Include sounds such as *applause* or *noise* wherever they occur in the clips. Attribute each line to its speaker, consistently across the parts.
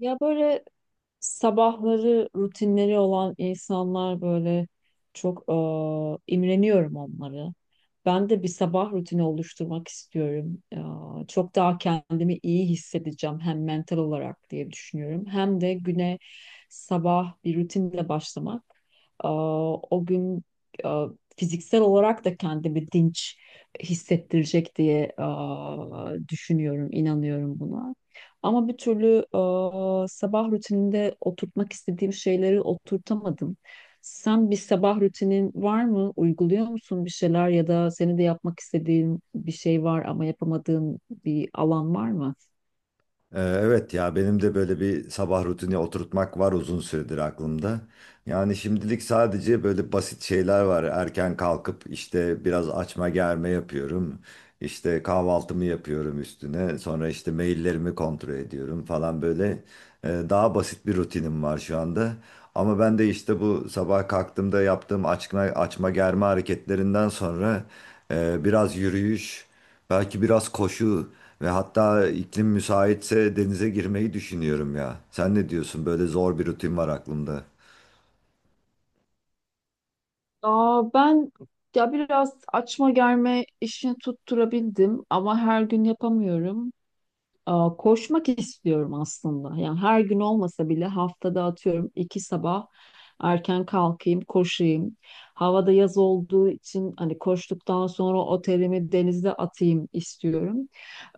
Speaker 1: Ya böyle sabahları rutinleri olan insanlar böyle çok imreniyorum onları. Ben de bir sabah rutini oluşturmak istiyorum. Çok daha kendimi iyi hissedeceğim hem mental olarak diye düşünüyorum. Hem de güne sabah bir rutinle başlamak. eee, O gün eee, fiziksel olarak da kendimi dinç hissettirecek diye düşünüyorum, inanıyorum buna. Ama bir türlü sabah rutininde oturtmak istediğim şeyleri oturtamadım. Sen bir sabah rutinin var mı? Uyguluyor musun bir şeyler ya da seni de yapmak istediğin bir şey var ama yapamadığın bir alan var mı?
Speaker 2: Evet ya benim de böyle bir sabah rutini oturtmak var uzun süredir aklımda. Yani şimdilik sadece böyle basit şeyler var. Erken kalkıp işte biraz açma germe yapıyorum. İşte kahvaltımı yapıyorum üstüne. Sonra işte maillerimi kontrol ediyorum falan böyle. Daha basit bir rutinim var şu anda. Ama ben de işte bu sabah kalktığımda yaptığım açma germe hareketlerinden sonra biraz yürüyüş, belki biraz koşu ve hatta iklim müsaitse denize girmeyi düşünüyorum ya. Sen ne diyorsun? Böyle zor bir rutin var aklımda.
Speaker 1: Ben ya biraz açma germe işini tutturabildim ama her gün yapamıyorum. Koşmak istiyorum aslında. Yani her gün olmasa bile haftada atıyorum iki sabah erken kalkayım, koşayım. Havada yaz olduğu için hani koştuktan sonra otelimi denize atayım istiyorum.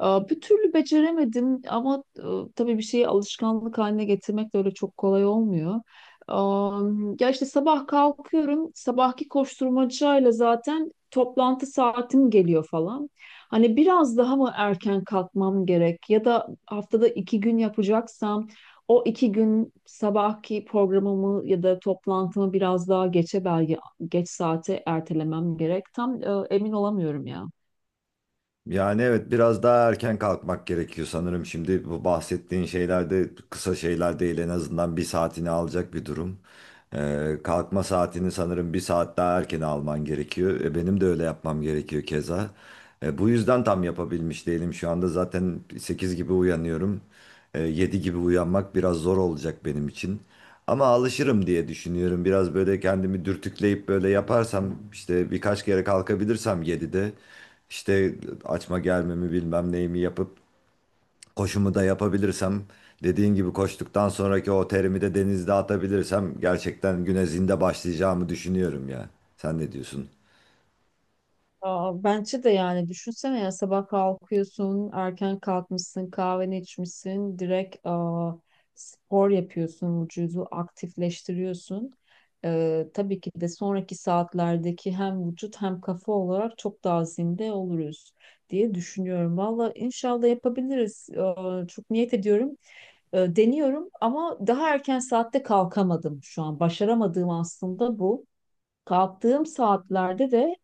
Speaker 1: Bir türlü beceremedim ama tabii bir şeyi alışkanlık haline getirmek de öyle çok kolay olmuyor. Aa, Ya işte sabah kalkıyorum, sabahki koşturmacayla zaten toplantı saatim geliyor falan. Hani biraz daha mı erken kalkmam gerek ya da haftada iki gün yapacaksam o iki gün sabahki programımı ya da toplantımı biraz daha geçe belki geç saate ertelemem gerek. Tam emin olamıyorum ya.
Speaker 2: Yani evet biraz daha erken kalkmak gerekiyor sanırım. Şimdi bu bahsettiğin şeylerde kısa şeyler değil, en azından bir saatini alacak bir durum. Kalkma saatini sanırım bir saat daha erken alman gerekiyor. Benim de öyle yapmam gerekiyor keza. Bu yüzden tam yapabilmiş değilim şu anda. Zaten 8 gibi uyanıyorum. 7 gibi uyanmak biraz zor olacak benim için. Ama alışırım diye düşünüyorum. Biraz böyle kendimi dürtükleyip böyle yaparsam işte birkaç kere kalkabilirsem 7'de işte açma gelmemi bilmem neyimi yapıp koşumu da yapabilirsem, dediğin gibi koştuktan sonraki o terimi de denizde atabilirsem gerçekten güne zinde başlayacağımı düşünüyorum ya. Sen ne diyorsun?
Speaker 1: Bence de yani düşünsene ya sabah kalkıyorsun, erken kalkmışsın, kahveni içmişsin, direkt spor yapıyorsun, vücudu aktifleştiriyorsun. Tabii ki de sonraki saatlerdeki hem vücut hem kafa olarak çok daha zinde oluruz diye düşünüyorum. Valla inşallah yapabiliriz. Çok niyet ediyorum. Deniyorum ama daha erken saatte kalkamadım şu an. Başaramadığım aslında bu. Kalktığım saatlerde de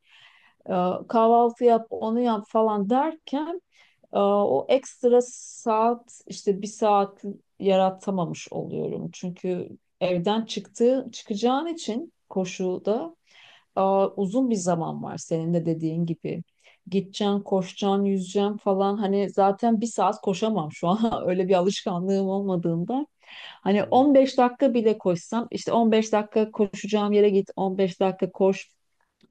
Speaker 1: e, kahvaltı yap, onu yap falan derken o ekstra saat işte bir saat yaratamamış oluyorum. Çünkü evden çıkacağın için koşuda e, uzun bir zaman var senin de dediğin gibi. Gideceksin, koşacaksın, yüzeceksin falan. Hani zaten bir saat koşamam şu an. *laughs* Öyle bir alışkanlığım olmadığında. Hani 15 dakika bile koşsam işte 15 dakika koşacağım yere git 15 dakika koş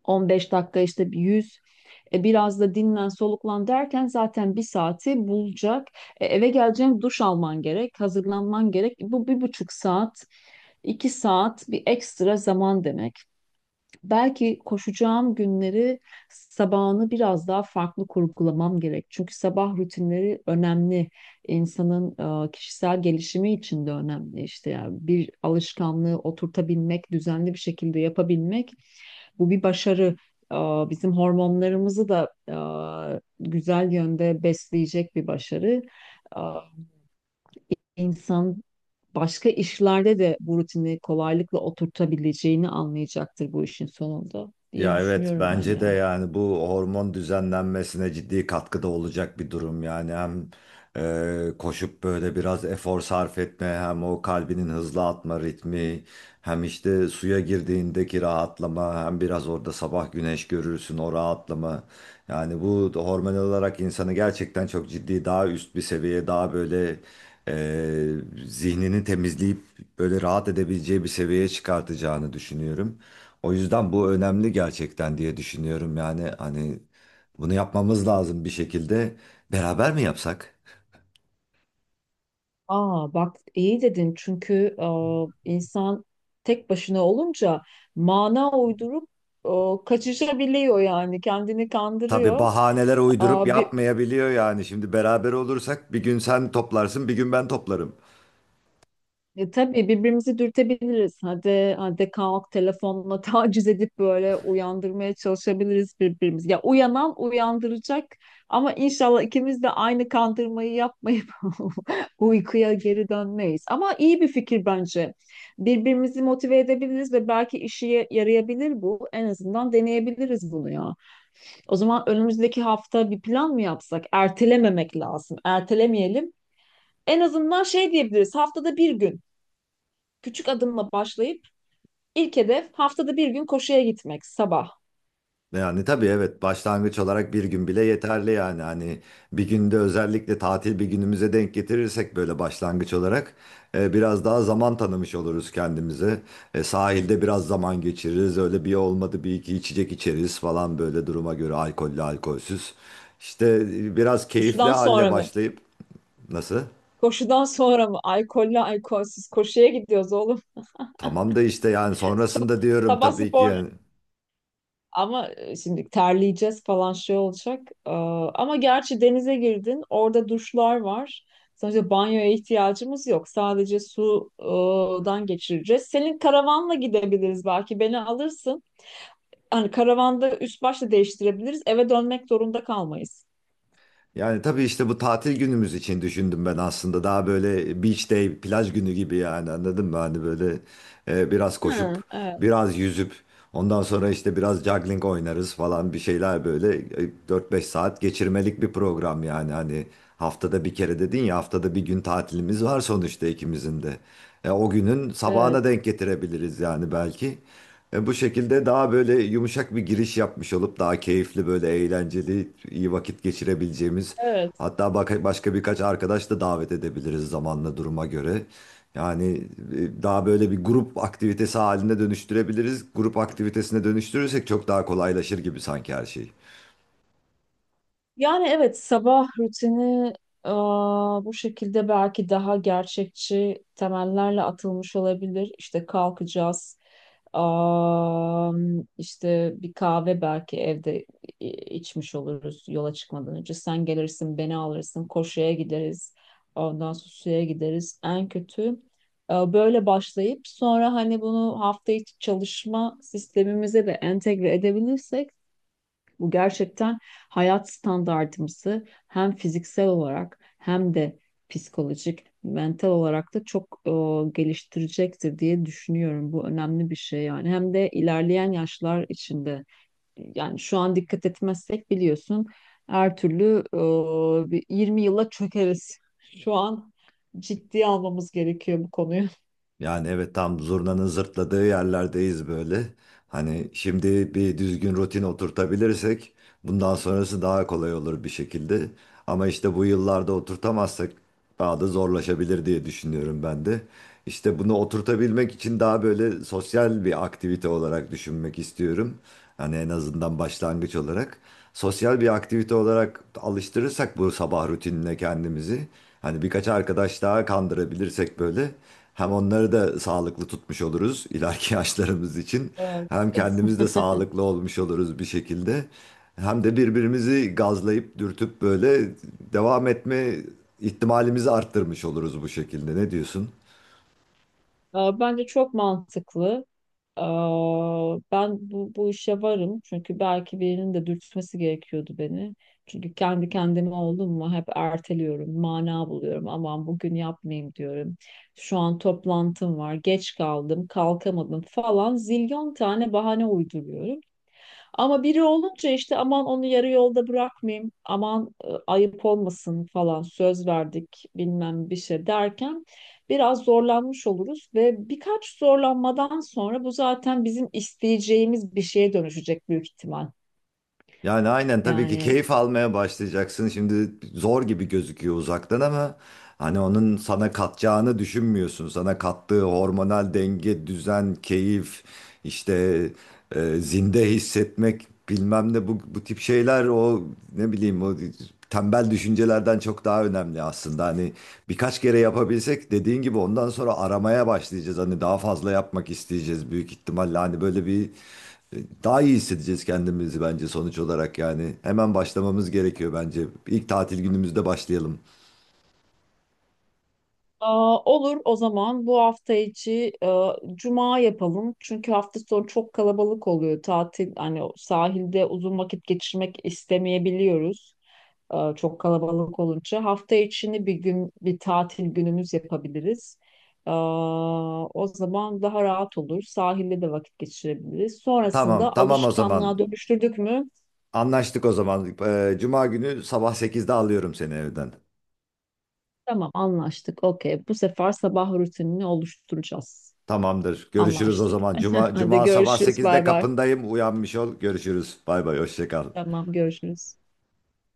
Speaker 1: 15 dakika işte bir 100 biraz da dinlen soluklan derken zaten bir saati bulacak. Eve geleceğim duş alman gerek, hazırlanman gerek. Bu bir buçuk saat, iki saat bir ekstra zaman demek belki koşacağım günleri sabahını biraz daha farklı kurgulamam gerek. Çünkü sabah rutinleri önemli. İnsanın kişisel gelişimi için de önemli. İşte yani bir alışkanlığı oturtabilmek, düzenli bir şekilde yapabilmek bu bir başarı. E, Bizim hormonlarımızı da güzel yönde besleyecek bir başarı. E, İnsan başka işlerde de bu rutini kolaylıkla oturtabileceğini anlayacaktır bu işin sonunda diye
Speaker 2: Ya evet
Speaker 1: düşünüyorum ben
Speaker 2: bence de
Speaker 1: ya.
Speaker 2: yani bu hormon düzenlenmesine ciddi katkıda olacak bir durum yani, hem koşup böyle biraz efor sarf etme, hem o kalbinin hızlı atma ritmi, hem işte suya girdiğindeki rahatlama, hem biraz orada sabah güneş görürsün o rahatlama, yani bu da hormonal olarak insanı gerçekten çok ciddi daha üst bir seviyeye, daha böyle e, zihnini temizleyip böyle rahat edebileceği bir seviyeye çıkartacağını düşünüyorum. O yüzden bu önemli gerçekten diye düşünüyorum, yani hani bunu yapmamız lazım bir şekilde. Beraber mi yapsak?
Speaker 1: Aa bak iyi dedin çünkü insan tek başına olunca mana uydurup kaçışabiliyor yani kendini
Speaker 2: Tabii
Speaker 1: kandırıyor.
Speaker 2: bahaneler uydurup
Speaker 1: Aa, bir
Speaker 2: yapmayabiliyor yani. Şimdi beraber olursak bir gün sen toplarsın, bir gün ben toplarım.
Speaker 1: Tabii birbirimizi dürtebiliriz. Hadi, hadi kalk telefonla *laughs* taciz edip böyle uyandırmaya çalışabiliriz birbirimizi. Ya uyanan uyandıracak ama inşallah ikimiz de aynı kandırmayı yapmayıp *laughs* uykuya geri dönmeyiz. Ama iyi bir fikir bence. Birbirimizi motive edebiliriz ve belki işe yarayabilir bu. En azından deneyebiliriz bunu ya. O zaman önümüzdeki hafta bir plan mı yapsak? Ertelememek lazım. Ertelemeyelim. En azından şey diyebiliriz. Haftada bir gün. Küçük adımla başlayıp ilk hedef haftada bir gün koşuya gitmek sabah.
Speaker 2: Yani tabii evet başlangıç olarak bir gün bile yeterli, yani hani bir günde, özellikle tatil bir günümüze denk getirirsek böyle başlangıç olarak biraz daha zaman tanımış oluruz kendimize. Sahilde biraz zaman geçiririz, öyle bir olmadı bir iki içecek içeriz falan, böyle duruma göre alkollü alkolsüz. İşte biraz keyifli
Speaker 1: Koşudan
Speaker 2: halle
Speaker 1: sonra mı?
Speaker 2: başlayıp nasıl?
Speaker 1: Koşudan sonra mı? Alkollü alkolsüz koşuya gidiyoruz oğlum.
Speaker 2: Tamam da işte yani sonrasında
Speaker 1: *laughs*
Speaker 2: diyorum
Speaker 1: Sabah
Speaker 2: tabii ki
Speaker 1: spor.
Speaker 2: yani.
Speaker 1: Ama şimdi terleyeceğiz falan şey olacak. Ee, Ama gerçi denize girdin, orada duşlar var. Sonuçta banyoya ihtiyacımız yok. Sadece sudan geçireceğiz. Senin karavanla gidebiliriz belki. Beni alırsın. Hani karavanda üst başta değiştirebiliriz. Eve dönmek zorunda kalmayız.
Speaker 2: Yani tabii işte bu tatil günümüz için düşündüm ben aslında. Daha böyle beach day, plaj günü gibi, yani anladın mı? Hani böyle biraz koşup,
Speaker 1: Ha, evet,
Speaker 2: biraz yüzüp, ondan sonra işte biraz juggling oynarız falan bir şeyler, böyle 4-5 saat geçirmelik bir program yani. Hani haftada bir kere dedin ya, haftada bir gün tatilimiz var sonuçta ikimizin de. O günün sabahına
Speaker 1: evet,
Speaker 2: denk getirebiliriz yani belki. Bu şekilde daha böyle yumuşak bir giriş yapmış olup daha keyifli, böyle eğlenceli iyi vakit geçirebileceğimiz,
Speaker 1: evet.
Speaker 2: hatta başka birkaç arkadaş da davet edebiliriz zamanla duruma göre. Yani daha böyle bir grup aktivitesi haline dönüştürebiliriz. Grup aktivitesine dönüştürürsek çok daha kolaylaşır gibi sanki her şey.
Speaker 1: Yani evet sabah rutini bu şekilde belki daha gerçekçi temellerle atılmış olabilir. İşte kalkacağız, aa, işte bir kahve belki evde i- içmiş oluruz yola çıkmadan önce. Sen gelirsin, beni alırsın, koşuya gideriz, ondan sonra suya gideriz. En kötü böyle başlayıp sonra hani bunu hafta içi çalışma sistemimize de entegre edebilirsek bu gerçekten hayat standartımızı hem fiziksel olarak hem de psikolojik, mental olarak da çok geliştirecektir diye düşünüyorum. Bu önemli bir şey yani. Hem de ilerleyen yaşlar içinde yani şu an dikkat etmezsek biliyorsun her türlü bir 20 yıla çökeriz. Şu an ciddiye almamız gerekiyor bu konuyu. *laughs*
Speaker 2: Yani evet, tam zurnanın zırtladığı yerlerdeyiz böyle. Hani şimdi bir düzgün rutin oturtabilirsek bundan sonrası daha kolay olur bir şekilde. Ama işte bu yıllarda oturtamazsak daha da zorlaşabilir diye düşünüyorum ben de. İşte bunu oturtabilmek için daha böyle sosyal bir aktivite olarak düşünmek istiyorum. Hani en azından başlangıç olarak. Sosyal bir aktivite olarak alıştırırsak bu sabah rutinine kendimizi. Hani birkaç arkadaş daha kandırabilirsek böyle. Hem onları da sağlıklı tutmuş oluruz ileriki *laughs* yaşlarımız için.
Speaker 1: Evet.
Speaker 2: Hem
Speaker 1: *laughs*
Speaker 2: kendimiz de sağlıklı olmuş oluruz bir şekilde. Hem de birbirimizi gazlayıp dürtüp böyle devam etme ihtimalimizi arttırmış oluruz bu şekilde. Ne diyorsun?
Speaker 1: Bence çok mantıklı. Ben bu işe varım çünkü belki birinin de dürtmesi gerekiyordu beni. Çünkü kendi kendime oldum mu hep erteliyorum, mana buluyorum. Aman bugün yapmayayım diyorum. Şu an toplantım var, geç kaldım, kalkamadım falan zilyon tane bahane uyduruyorum. Ama biri olunca işte aman onu yarı yolda bırakmayayım, aman ayıp olmasın falan söz verdik bilmem bir şey derken biraz zorlanmış oluruz ve birkaç zorlanmadan sonra bu zaten bizim isteyeceğimiz bir şeye dönüşecek büyük ihtimal.
Speaker 2: Yani aynen, tabii ki
Speaker 1: Yani
Speaker 2: keyif almaya başlayacaksın. Şimdi zor gibi gözüküyor uzaktan ama hani onun sana katacağını düşünmüyorsun. Sana kattığı hormonal denge, düzen, keyif, işte zinde hissetmek bilmem ne, bu tip şeyler, o ne bileyim, o tembel düşüncelerden çok daha önemli aslında. Hani birkaç kere yapabilsek dediğin gibi, ondan sonra aramaya başlayacağız. Hani daha fazla yapmak isteyeceğiz büyük ihtimalle. Hani böyle bir daha iyi hissedeceğiz kendimizi bence sonuç olarak yani. Hemen başlamamız gerekiyor bence. İlk tatil günümüzde başlayalım.
Speaker 1: "Aa, olur o zaman bu hafta içi cuma yapalım. Çünkü hafta sonu çok kalabalık oluyor. Tatil hani o sahilde uzun vakit geçirmek istemeyebiliyoruz. Çok kalabalık olunca. Hafta içini bir gün bir tatil günümüz yapabiliriz. E, O zaman daha rahat olur. Sahilde de vakit geçirebiliriz.
Speaker 2: Tamam,
Speaker 1: Sonrasında
Speaker 2: tamam o
Speaker 1: alışkanlığa
Speaker 2: zaman.
Speaker 1: dönüştürdük mü?
Speaker 2: Anlaştık o zaman. Cuma günü sabah sekizde alıyorum seni evden.
Speaker 1: Tamam anlaştık. Okey. Bu sefer sabah rutinini oluşturacağız.
Speaker 2: Tamamdır. Görüşürüz o
Speaker 1: Anlaştık.
Speaker 2: zaman.
Speaker 1: *laughs*
Speaker 2: Cuma,
Speaker 1: Hadi
Speaker 2: Cuma sabah
Speaker 1: görüşürüz.
Speaker 2: sekizde
Speaker 1: Bay bay.
Speaker 2: kapındayım. Uyanmış ol. Görüşürüz. Bay bay. Hoşça kal.
Speaker 1: Tamam görüşürüz.